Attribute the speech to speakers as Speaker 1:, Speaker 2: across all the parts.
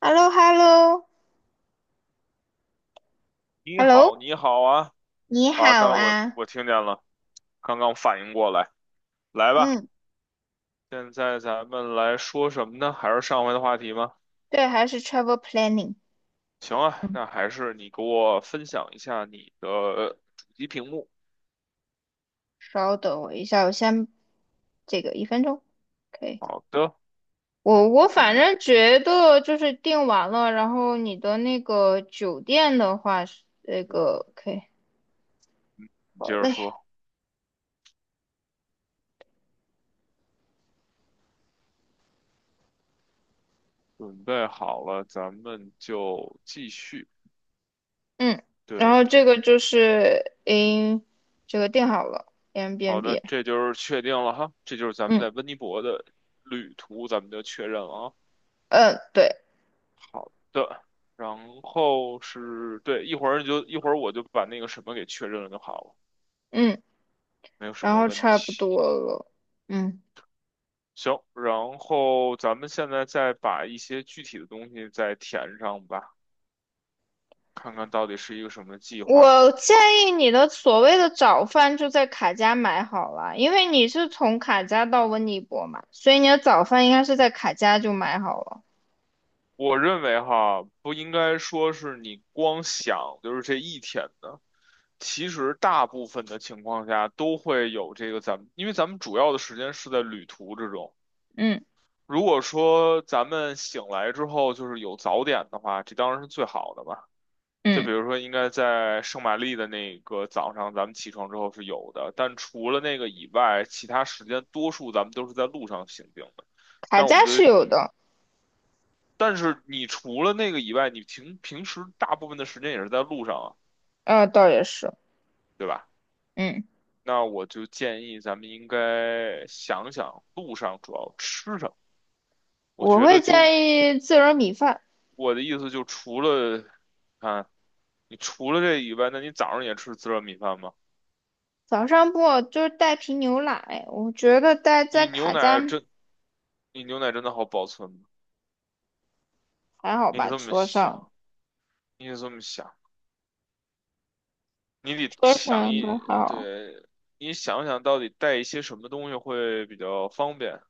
Speaker 1: h e l l o h e l l o h
Speaker 2: 你
Speaker 1: e l l o
Speaker 2: 好，你好啊！
Speaker 1: 你
Speaker 2: 啊，
Speaker 1: 好
Speaker 2: 刚才我
Speaker 1: 啊，
Speaker 2: 我听见了，刚刚反应过来。来吧，
Speaker 1: 嗯，
Speaker 2: 现在咱们来说什么呢？还是上回的话题吗？
Speaker 1: 对，还是 travel planning，
Speaker 2: 行啊，
Speaker 1: 嗯，
Speaker 2: 那还是你给我分享一下你的主机屏幕。
Speaker 1: 稍等我一下，我先这个1分钟，OK，
Speaker 2: 好的，
Speaker 1: 我
Speaker 2: 你
Speaker 1: 我
Speaker 2: 准
Speaker 1: 反
Speaker 2: 备，
Speaker 1: 正觉得就是订完了，然后你的那个酒店的话是那
Speaker 2: 对，
Speaker 1: 个 OK，
Speaker 2: 你
Speaker 1: 好
Speaker 2: 接着
Speaker 1: 嘞，
Speaker 2: 说。准备好了，咱们就继续。
Speaker 1: 嗯，然
Speaker 2: 对
Speaker 1: 后
Speaker 2: 的，
Speaker 1: 这个就是 in 这个订好了
Speaker 2: 好的，
Speaker 1: ，Airbnb，
Speaker 2: 这就是确定了哈，这就是咱们
Speaker 1: 嗯
Speaker 2: 在温尼伯的旅途，咱们就确认了啊。
Speaker 1: 嗯对，
Speaker 2: 的，然后是对，一会儿你就一会儿我就把那个什么给确认了就好了，
Speaker 1: 嗯，
Speaker 2: 没有什
Speaker 1: 然
Speaker 2: 么
Speaker 1: 后
Speaker 2: 问
Speaker 1: 差不
Speaker 2: 题。
Speaker 1: 多了，嗯。
Speaker 2: 行，然后咱们现在再把一些具体的东西再填上吧，看看到底是一个什么计划。
Speaker 1: 我建议你的所谓的早饭就在卡家买好了，因为你是从卡家到温尼伯嘛，所以你的早饭应该是在卡家就买好了。
Speaker 2: 我认为哈，不应该说是你光想就是这一天的，其实大部分的情况下都会有这个咱们，因为咱们主要的时间是在旅途之中。
Speaker 1: 嗯
Speaker 2: 如果说咱们醒来之后就是有早点的话，这当然是最好的吧。就
Speaker 1: 嗯，
Speaker 2: 比如说，应该在圣玛丽的那个早上，咱们起床之后是有的，但除了那个以外，其他时间多数咱们都是在路上行进的。
Speaker 1: 卡
Speaker 2: 那我们
Speaker 1: 家是
Speaker 2: 对，
Speaker 1: 有的，
Speaker 2: 但是你除了那个以外，你平时大部分的时间也是在路上啊，
Speaker 1: 倒也是，
Speaker 2: 对吧？
Speaker 1: 嗯，
Speaker 2: 那我就建议咱们应该想想路上主要吃什么。我
Speaker 1: 我
Speaker 2: 觉
Speaker 1: 会
Speaker 2: 得就
Speaker 1: 建议自热米饭，
Speaker 2: 我的意思就除了，看，你除了这以外，那你早上也吃自热米饭吗？
Speaker 1: 早上不就是带瓶牛奶，我觉得带在
Speaker 2: 你牛
Speaker 1: 卡家
Speaker 2: 奶真，你牛奶真的好保存吗？
Speaker 1: 还好
Speaker 2: 你
Speaker 1: 吧，
Speaker 2: 这么想，你得这么想，你得
Speaker 1: 车
Speaker 2: 想
Speaker 1: 上应该
Speaker 2: 一，
Speaker 1: 还好。
Speaker 2: 对，你想想到底带一些什么东西会比较方便？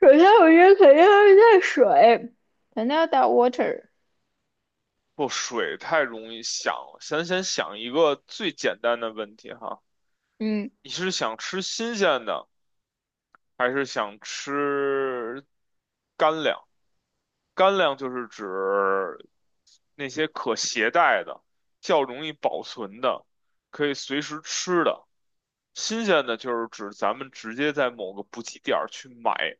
Speaker 1: 首先，我觉得肯定要带水，肯定要带 water，
Speaker 2: 不，水太容易想了，先想一个最简单的问题哈，
Speaker 1: 嗯。
Speaker 2: 你是想吃新鲜的，还是想吃干粮？干粮就是指那些可携带的、较容易保存的、可以随时吃的。新鲜的就是指咱们直接在某个补给点儿去买，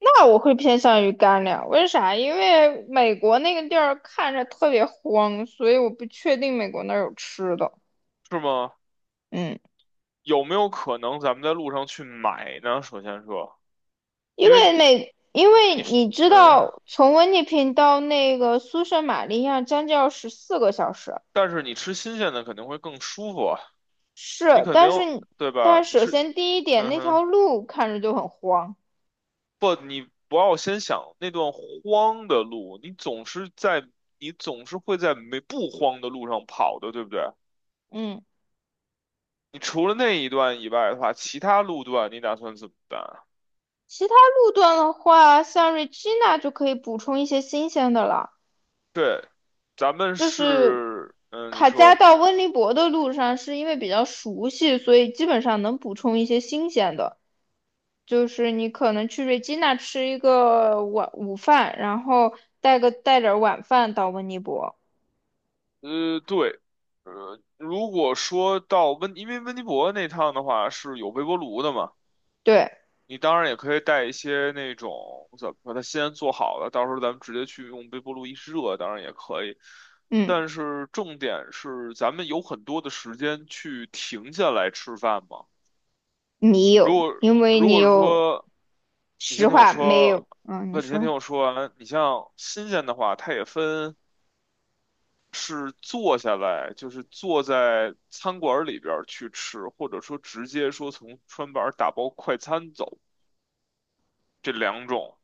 Speaker 1: 那我会偏向于干粮，为啥？因为美国那个地儿看着特别荒，所以我不确定美国那儿有吃的。
Speaker 2: 是吗？
Speaker 1: 嗯，
Speaker 2: 有没有可能咱们在路上去买呢？首先说，因为
Speaker 1: 因
Speaker 2: 你
Speaker 1: 为
Speaker 2: 吃，
Speaker 1: 你知
Speaker 2: 嗯，
Speaker 1: 道，从温尼平到那个苏圣玛利亚将近要14个小时，
Speaker 2: 但是你吃新鲜的肯定会更舒服啊，你
Speaker 1: 是，
Speaker 2: 肯定，
Speaker 1: 但是你，
Speaker 2: 对吧？
Speaker 1: 但
Speaker 2: 你
Speaker 1: 是首
Speaker 2: 吃，
Speaker 1: 先第一点，
Speaker 2: 嗯
Speaker 1: 那条
Speaker 2: 哼。
Speaker 1: 路看着就很荒。
Speaker 2: 不，你不要先想那段荒的路，你总是在，你总是会在没不荒的路上跑的，对不对？
Speaker 1: 嗯，
Speaker 2: 你除了那一段以外的话，其他路段你打算怎么办啊？
Speaker 1: 其他路段的话，像瑞吉娜就可以补充一些新鲜的了。
Speaker 2: 对，咱们
Speaker 1: 就是
Speaker 2: 是，嗯，你
Speaker 1: 卡加
Speaker 2: 说，
Speaker 1: 到温尼伯的路上，是因为比较熟悉，所以基本上能补充一些新鲜的。就是你可能去瑞吉那吃一个晚午饭，然后带点儿晚饭到温尼伯。
Speaker 2: 呃，对，呃，如果说到温，因为温尼伯那趟的话是有微波炉的嘛。
Speaker 1: 对，
Speaker 2: 你当然也可以带一些那种怎么说，它先做好了，到时候咱们直接去用微波炉一热，当然也可以。
Speaker 1: 嗯，
Speaker 2: 但是重点是，咱们有很多的时间去停下来吃饭嘛。
Speaker 1: 你
Speaker 2: 如
Speaker 1: 有，
Speaker 2: 果
Speaker 1: 因为
Speaker 2: 如
Speaker 1: 你
Speaker 2: 果
Speaker 1: 有
Speaker 2: 说你先
Speaker 1: 实
Speaker 2: 听我
Speaker 1: 话没有，
Speaker 2: 说，
Speaker 1: 嗯，你
Speaker 2: 不，你先
Speaker 1: 说，
Speaker 2: 听我说完。你像新鲜的话，它也分是坐下来，就是坐在餐馆里边儿去吃，或者说直接说从餐板儿打包快餐走这两种。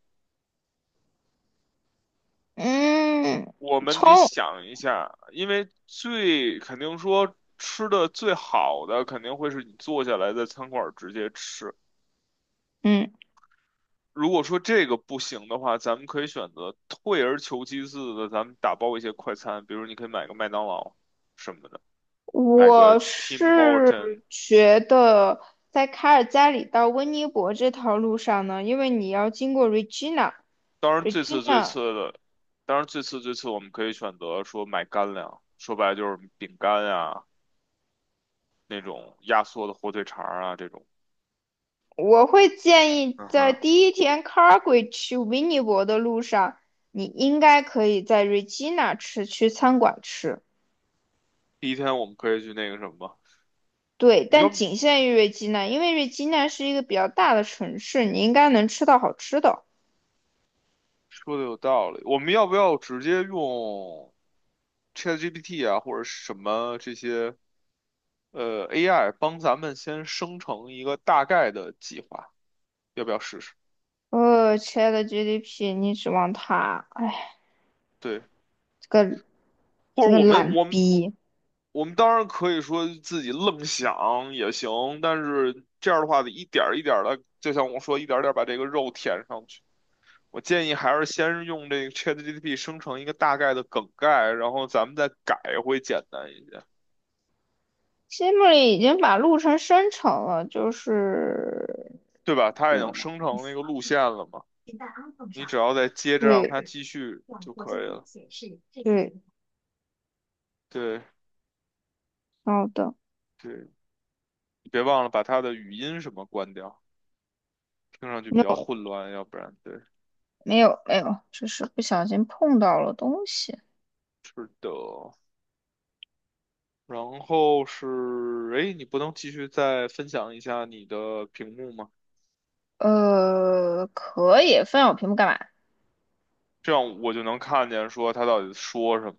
Speaker 1: 嗯，
Speaker 2: 我们得
Speaker 1: 葱，
Speaker 2: 想一下，因为最肯定说吃的最好的肯定会是你坐下来在餐馆儿直接吃。
Speaker 1: 嗯。
Speaker 2: 如果说这个不行的话，咱们可以选择退而求其次的，咱们打包一些快餐，比如你可以买个麦当劳什么的，买个
Speaker 1: 我
Speaker 2: Tim Horton。
Speaker 1: 是觉得在卡尔加里到温尼伯这条路上呢，因为你要经过
Speaker 2: 当然最次最次
Speaker 1: Regina，
Speaker 2: 的，当然最次最次我们可以选择说买干粮，说白了就是饼干啊，那种压缩的火腿肠儿啊这种。
Speaker 1: 我会建议
Speaker 2: 嗯
Speaker 1: 在
Speaker 2: 哼，
Speaker 1: 第一天 Calgary 去温尼伯的路上，你应该可以在 Regina 去餐馆吃，
Speaker 2: 第一天我们可以去那个什么。
Speaker 1: 对，
Speaker 2: 你
Speaker 1: 但
Speaker 2: 要
Speaker 1: 仅限于 Regina，因为 Regina 是一个比较大的城市，你应该能吃到好吃的。
Speaker 2: 说的有道理，我们要不要直接用 ChatGPT 啊，或者什么这些AI 帮咱们先生成一个大概的计划？要不要试试？
Speaker 1: 呃，亲爱的 GDP，你指望他？哎，
Speaker 2: 对，
Speaker 1: 这个
Speaker 2: 或者我们
Speaker 1: 懒
Speaker 2: 我们
Speaker 1: 逼。
Speaker 2: 我们当然可以说自己愣想也行，但是这样的话得一点儿一点的，就像我说，一点儿点儿把这个肉填上去。我建议还是先用这个 ChatGPT 生成一个大概的梗概，然后咱们再改会简单一些。
Speaker 1: 西木里已经把路程生成了，就是
Speaker 2: 对吧？它已
Speaker 1: 这
Speaker 2: 经生成那个路线了嘛，你只要再接着让它
Speaker 1: 对
Speaker 2: 继续就可以了。
Speaker 1: 对，
Speaker 2: 对
Speaker 1: 好的，
Speaker 2: 对，你别忘了把它的语音什么关掉，听上去
Speaker 1: 没
Speaker 2: 比较
Speaker 1: 有
Speaker 2: 混乱，要不然对，
Speaker 1: 没有没有，只是不小心碰到了东西。
Speaker 2: 是的。然后是，哎，你不能继续再分享一下你的屏幕吗？
Speaker 1: 可以分享我屏幕干嘛
Speaker 2: 这样我就能看见说他到底说什么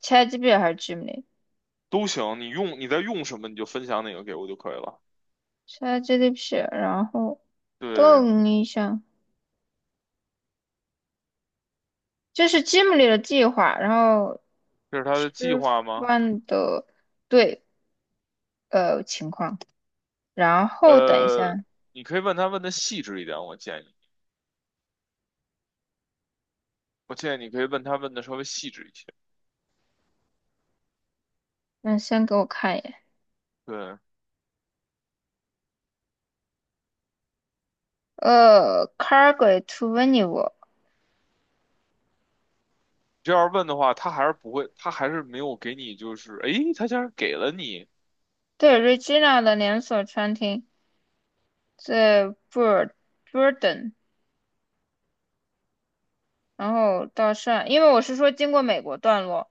Speaker 1: ？ChatGPT 还是
Speaker 2: 都行，你用你在用什么你就分享哪个给我就可以了。
Speaker 1: Gimli？ChatGPT，然后
Speaker 2: 对，
Speaker 1: 等一下，这是 Gimli 的计划，然后
Speaker 2: 这是他
Speaker 1: 吃
Speaker 2: 的计划吗？
Speaker 1: 饭的对情况，然后等一
Speaker 2: 呃，
Speaker 1: 下，
Speaker 2: 你可以问他问的细致一点，我建议。我建议你可以问他问的稍微细致一些。
Speaker 1: 那先给我看一眼。
Speaker 2: 对，你
Speaker 1: Cargo to Venice，
Speaker 2: 这样问的话，他还是不会，他还是没有给你，就是诶，他竟然给了你，
Speaker 1: 对，Regina 的连锁餐厅在 Bur Burden，然后到上，因为我是说经过美国段落，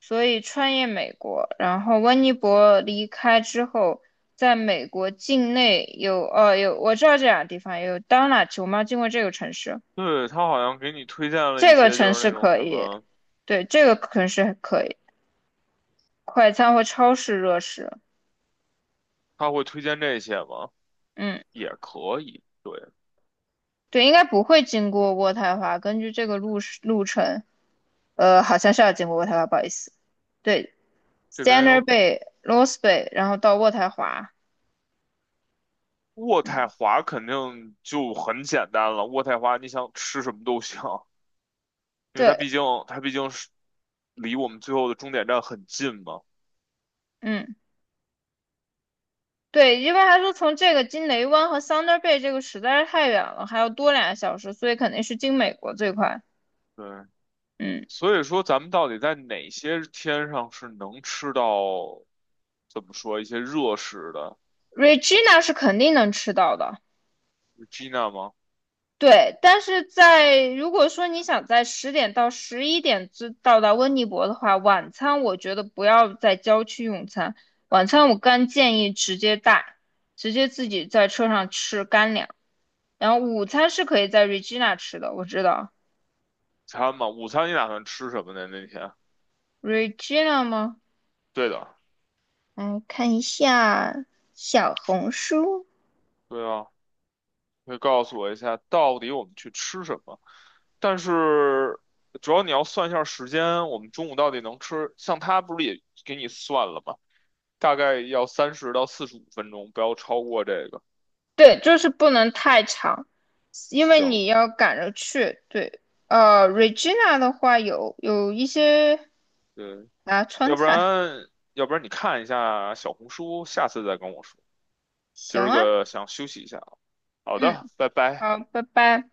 Speaker 1: 所以穿越美国，然后温尼伯离开之后，在美国境内有我知道这两个地方有 Donut，我们要经过这个城市，
Speaker 2: 对，他好像给你推荐了一
Speaker 1: 这个
Speaker 2: 些，就
Speaker 1: 城
Speaker 2: 是
Speaker 1: 市
Speaker 2: 那种
Speaker 1: 可
Speaker 2: 什
Speaker 1: 以，
Speaker 2: 么，
Speaker 1: 对，这个城市还可以，快餐和超市热食，
Speaker 2: 他会推荐这些吗？
Speaker 1: 嗯。
Speaker 2: 也可以。对，
Speaker 1: 对，应该不会经过渥太华。根据这个路程，好像是要经过渥太华，不好意思。对
Speaker 2: 这边
Speaker 1: ，Standard
Speaker 2: 有
Speaker 1: Bay、Lost Bay，然后到渥太华。
Speaker 2: 渥太
Speaker 1: 嗯，
Speaker 2: 华，肯定就很简单了。渥太华，你想吃什么都行，因为它
Speaker 1: 对，
Speaker 2: 毕竟它毕竟是离我们最后的终点站很近嘛。
Speaker 1: 嗯，对，因为他说从这个经雷湾和 Thunder Bay 这个实在是太远了，还要多2个小时，所以肯定是经美国最快。
Speaker 2: 对，
Speaker 1: 嗯
Speaker 2: 所以说，咱们到底在哪些天上是能吃到，怎么说一些热食的
Speaker 1: ，Regina 是肯定能吃到的。
Speaker 2: 是？Gina 吗？
Speaker 1: 对，但是在如果说你想在10点到11点之到达温尼伯的话，晚餐我觉得不要在郊区用餐，晚餐我干建议直接带，直接自己在车上吃干粮。然后午餐是可以在 Regina 吃的，我知道
Speaker 2: 餐吗？午餐你打算吃什么呢？那天？
Speaker 1: Regina 吗？
Speaker 2: 对的，
Speaker 1: 嗯，看一下小红书。
Speaker 2: 对啊，可以告诉我一下，到底我们去吃什么？但是主要你要算一下时间，我们中午到底能吃？像他不是也给你算了吗？大概要30到45分钟，不要超过这个。
Speaker 1: 对，就是不能太长，因为
Speaker 2: 行，
Speaker 1: 你要赶着去。对，Regina 的话有一些。
Speaker 2: 对，
Speaker 1: 啊，川
Speaker 2: 要不
Speaker 1: 菜，
Speaker 2: 然你看一下小红书，下次再跟我说。今
Speaker 1: 行
Speaker 2: 儿
Speaker 1: 啊，
Speaker 2: 个想休息一下啊。好
Speaker 1: 嗯，
Speaker 2: 的，拜拜。
Speaker 1: 好，拜拜。